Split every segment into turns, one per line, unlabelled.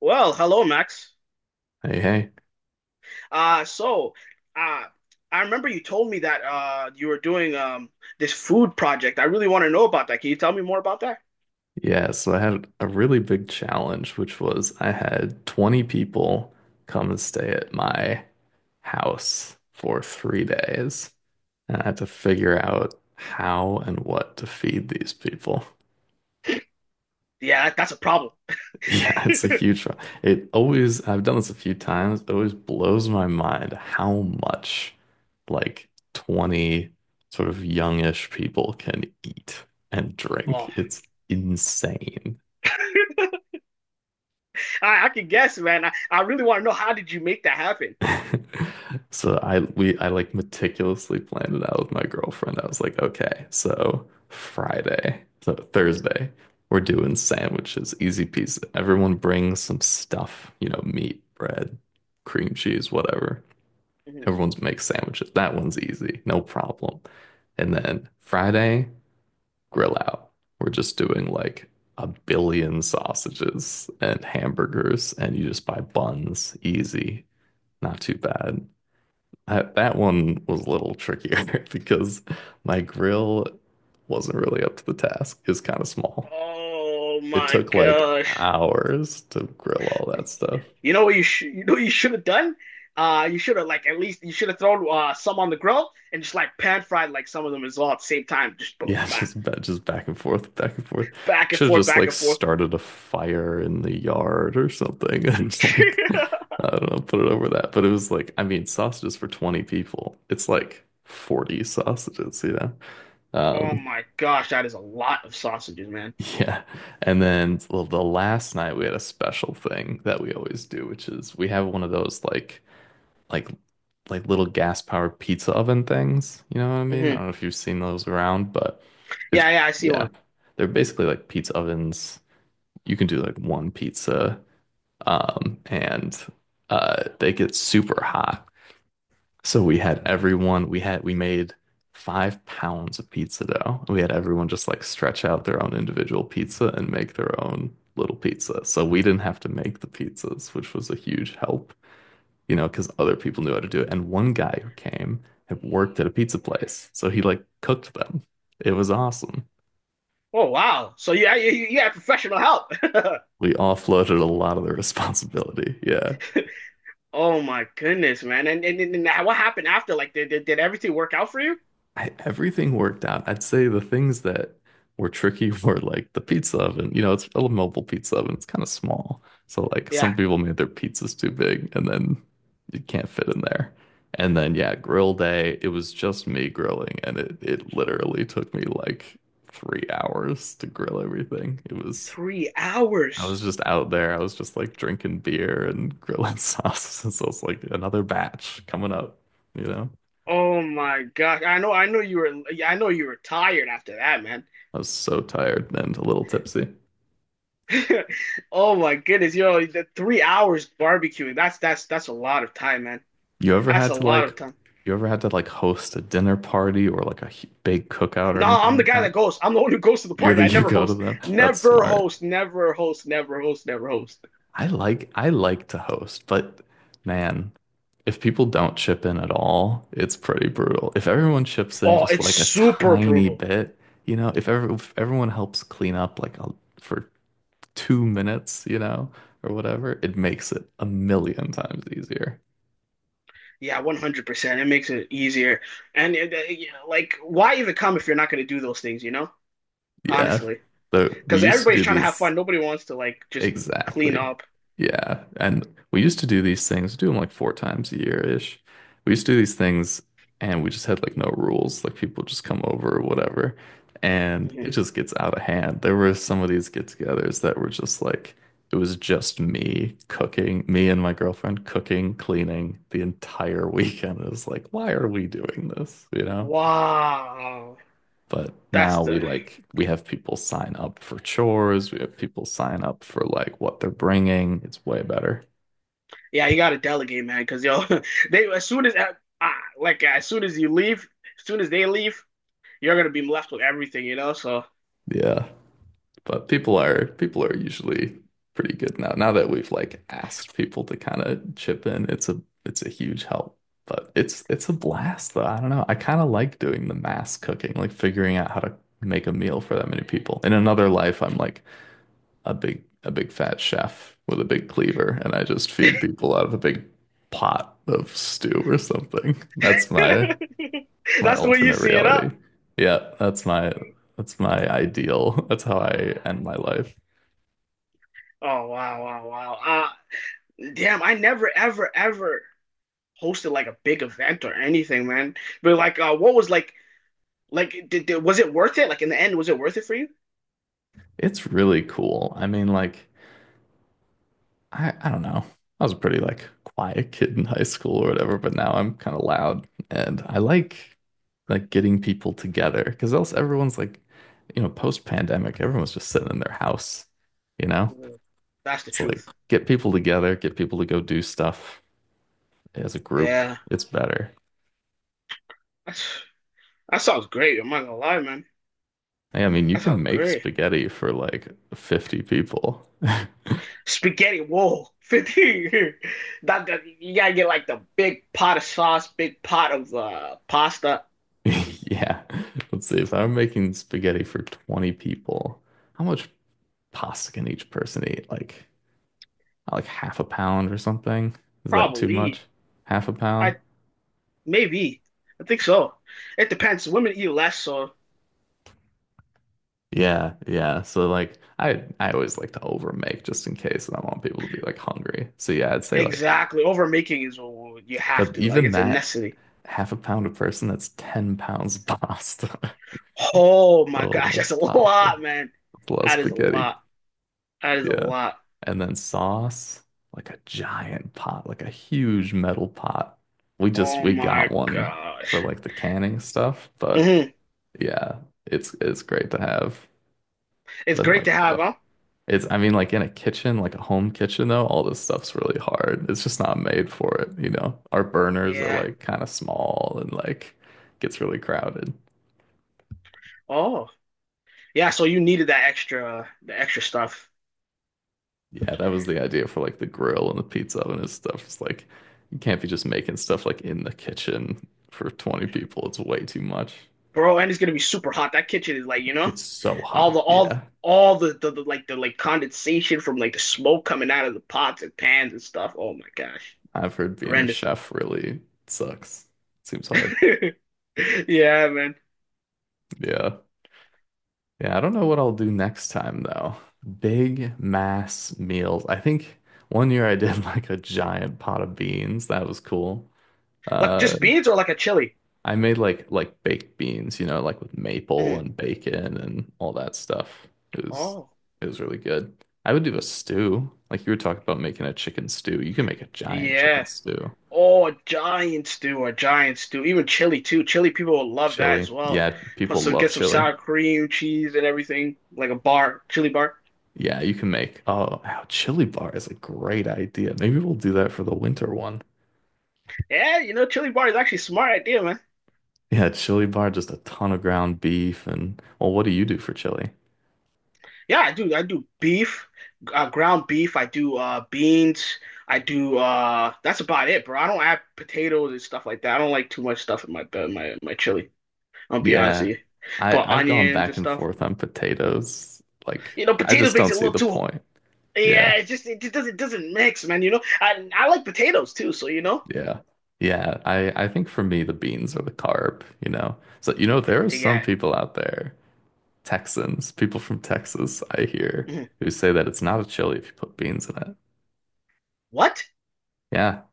Well, hello, Max.
Hey, hey.
Uh, so, uh, I remember you told me that you were doing this food project. I really want to know about that. Can you tell me more about that?
Yeah, so I had a really big challenge, which was I had 20 people come and stay at my house for 3 days. And I had to figure out how and what to feed these people.
Yeah, that's a problem.
Yeah, it's a huge one. It always, I've done this a few times, it always blows my mind how much like 20 sort of youngish people can eat and
Oh,
drink. It's insane.
I can guess, man. I really want to know how did you make that happen?
So I like meticulously planned it out with my girlfriend. I was like, okay, so Thursday, we're doing sandwiches, easy peasy. Everyone brings some stuff, you know, meat, bread, cream cheese, whatever.
Mhm.
Everyone's makes sandwiches. That one's easy, no problem. And then Friday, grill out. We're just doing like a billion sausages and hamburgers, and you just buy buns, easy, not too bad. I, that one was a little trickier because my grill wasn't really up to the task. It was kind of small.
Oh
It
my
took like
gosh.
hours to grill all that stuff.
You know what you should have done? You should have like at least you should have thrown some on the grill and just like pan fried like some of them as well at the same time. Just
Yeah,
back
just back and forth, back and forth. I
back and
should have
forth,
just
back
like
and forth.
started a fire in the yard or something and just like I don't know, put it over that. But it was like, I mean, sausages for 20 people. It's like 40 sausages, you know?
Oh
Um,
my gosh, that is a lot of sausages, man.
Yeah. And then the last night we had a special thing that we always do, which is we have one of those like like little gas powered pizza oven things. You know what I mean? I
Hmm.
don't know if you've seen those around, but it's
Yeah, yeah, I see
yeah.
one.
They're basically like pizza ovens. You can do like one pizza, and they get super hot. So we had everyone, we had, we made 5 pounds of pizza dough. We had everyone just like stretch out their own individual pizza and make their own little pizza. So we didn't have to make the pizzas, which was a huge help, you know, because other people knew how to do
Mhm.
it. And one guy who came had worked at a pizza place. So he like cooked them. It was awesome.
Oh wow, so yeah, you had professional help.
We offloaded a lot of the responsibility. Yeah.
Oh my goodness, man. And what happened after? Like, did everything work out for you?
Everything worked out. I'd say the things that were tricky were like the pizza oven. You know, it's a mobile pizza oven. It's kind of small. So like
Yeah,
some people made their pizzas too big and then you can't fit in there. And then yeah, grill day, it was just me grilling and it literally took me like 3 hours to grill everything. It was
three
I was
hours.
just out there. I was just like drinking beer and grilling sauces. And so it's like another batch coming up, you know.
Oh my gosh. I know you were yeah, I know you were tired after that, man.
I was so tired and a little tipsy.
Oh my goodness, yo, the three hours barbecuing. That's a lot of time, man.
You ever
That's
had
a
to
lot of
like,
time.
you ever had to like host a dinner party or like a big cookout or
No,
anything
I'm the
like
guy that
that?
goes. I'm the one who goes to the
You're
party.
the,
I
you
never
go to
host.
them. That's
Never
smart.
host, never host, never host, never host.
I like to host, but man, if people don't chip in at all, it's pretty brutal. If everyone chips in
Oh,
just
it's
like a
super
tiny
brutal.
bit, you know, if everyone helps clean up like a, for 2 minutes, you know, or whatever, it makes it a million times easier.
Yeah, 100%. It makes it easier. And you know, like why even come if you're not going to do those things, you know?
Yeah.
Honestly.
So we
Because
used to
everybody's
do
trying to have
these.
fun. Nobody wants to like just clean
Exactly.
up.
Yeah. And we used to do these things, do them like four times a year-ish. We used to do these things and we just had like no rules. Like people just come over or whatever. And
Mm-hmm.
it just gets out of hand. There were some of these get-togethers that were just like, it was just me cooking, me and my girlfriend cooking, cleaning the entire weekend. It was like, why are we doing this? You know?
Wow,
But
that's
now we
the
like we have people sign up for chores. We have people sign up for like what they're bringing. It's way better.
yeah. You gotta delegate, man, because yo, they as soon as ah, like as soon as as soon as they leave, you're gonna be left with everything, you know. So
Yeah. But people are usually pretty good now. Now that we've like asked people to kind of chip in, it's a huge help. But it's a blast though. I don't know. I kind of like doing the mass cooking, like figuring out how to make a meal for that many people. In another life, I'm like a big fat chef with a big cleaver, and I just feed people out of a big pot of stew or something. That's my
that's the way you
alternate
see it
reality.
up.
Yeah, that's my ideal. That's how I end my life.
Oh wow, wow, wow. Damn, I never, ever, ever hosted like a big event or anything, man. But like, what was like was it worth it? Like in the end, was it worth it for you?
It's really cool. I mean, like I don't know. I was a pretty like quiet kid in high school or whatever, but now I'm kind of loud and I like getting people together because else everyone's like, you know, post-pandemic, everyone's just sitting in their house, you know?
Mm. That's the
It's like
truth.
get people together, get people to go do stuff as a group.
Yeah,
It's better.
that's that sounds great. I'm not gonna lie, man.
Hey, I mean, you
That
can
sounds
make
great.
spaghetti for like 50 people.
Spaghetti, whoa, 50. That you gotta get like the big pot of sauce, big pot of pasta.
Yeah. Let's see. If I'm making spaghetti for 20 people, how much pasta can each person eat? Like half a pound or something? Is that too
Probably.
much? Half a pound?
I Maybe. I think so. It depends. Women eat less, so
Yeah, yeah. So like I always like to overmake just in case and I want people to be like hungry. So yeah, I'd say like
exactly. Overmaking is what you have
but
to. Like
even
it's a
that
necessity.
half a pound a person, that's 10 pounds of pasta.
Oh my
So
gosh,
much
that's a
pasta.
lot, man.
It's a lot of
That is a
spaghetti.
lot. That is a
Yeah.
lot.
And then sauce, like a giant pot, like a huge metal pot. We just
Oh
we
my
got one for
gosh.
like the canning stuff, but
Hmm.
yeah, it's great to have.
It's
Then
great
like
to have,
ugh.
huh?
It's I mean like in a kitchen, like a home kitchen though, all this stuff's really hard. It's just not made for it, you know. Our burners are
Yeah.
like kind of small and like gets really crowded.
Oh. Yeah, so you needed that extra the extra stuff.
Yeah, that was the idea for like the grill and the pizza oven and stuff. It's like you can't be just making stuff like in the kitchen for 20 people. It's way too much.
Bro, and it's gonna be super hot. That kitchen is like, you know,
Gets so hot. Yeah.
all the like condensation from like the smoke coming out of the pots and pans and stuff. Oh my gosh.
I've heard being a
Horrendous.
chef really sucks. Seems hard.
Yeah, man.
Yeah. Yeah, I don't know what I'll do next time though. Big mass meals. I think 1 year I did like a giant pot of beans. That was cool.
Like
Uh,
just beans or like a chili?
I made like baked beans, you know, like with maple
Mhm.
and bacon and all that stuff. It was
Oh,
it was really good. I would do a stew. Like you were talking about making a chicken stew. You can make a giant chicken
yeah.
stew.
Oh, a giant stew, a giant stew. Even chili too. Chili people will love that
Chili.
as well.
Yeah,
Put
people
some,
love
get some
chili.
sour cream, cheese, and everything, like a bar, chili bar.
Yeah, you can make oh, wow, chili bar is a great idea. Maybe we'll do that for the winter one.
Yeah, you know, chili bar is actually a smart idea, man.
Yeah, chili bar, just a ton of ground beef and well, what do you do for chili?
Yeah, I do. I do beef, ground beef. I do beans. I do. That's about it, bro. I don't add potatoes and stuff like that. I don't like too much stuff in my chili. I'll be honest
Yeah.
with you. Put
I've gone
onions
back
and
and
stuff.
forth on potatoes. Like
You know,
I
potatoes
just
makes
don't
it a
see
little
the
too.
point. Yeah,
Yeah, it just doesn't mix, man. You know, I like potatoes too, so you know,
yeah, yeah. I think for me the beans are the carb, you know. So you know there are some
yeah.
people out there, Texans, people from Texas, I hear,
Mhm.
who say that it's not a chili if you put beans in it.
What?
Yeah,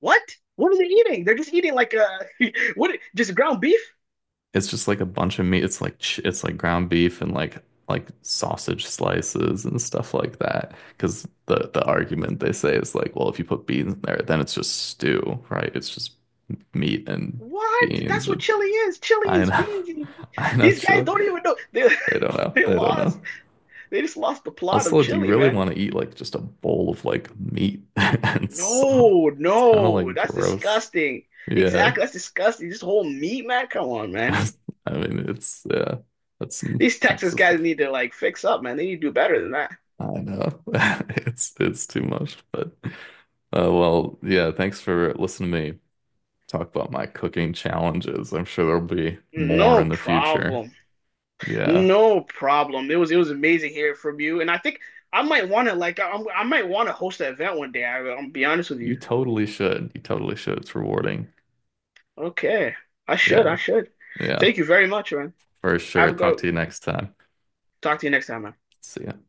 What? What are they eating? They're just eating like what? Just ground beef?
it's just like a bunch of meat. It's like ground beef and like sausage slices and stuff like that. Because the argument they say is like, well, if you put beans in there, then it's just stew, right? It's just meat and
What?
beans
That's what
and
chili is. Chili
I
is
know.
beans. And-
I know
These guys
chili.
don't even know. They
They don't know.
they
They don't know.
lost. They just lost the plot of
Also, do you
chili,
really
man.
want to eat like just a bowl of like meat and some?
No,
It's kind of
no,
like
that's
gross.
disgusting.
Yeah.
Exactly, that's disgusting. This whole meat, man. Come on, man.
I mean, it's yeah, that's some
These Texas
Texas
guys
stuff.
need to like fix up, man. They need to do better than that.
I know. It's too much, but well, yeah, thanks for listening to me talk about my cooking challenges. I'm sure there'll be more
No
in the future.
problem.
Yeah.
No problem. It was amazing hearing from you, and I think I might want I might want to host an event one day. I'll be honest with
You
you.
totally should. You totally should. It's rewarding.
Okay, I should. I
Yeah.
should.
Yeah.
Thank you very much, man.
For
Have
sure.
a
Talk to
go.
you next time.
Talk to you next time, man.
See ya.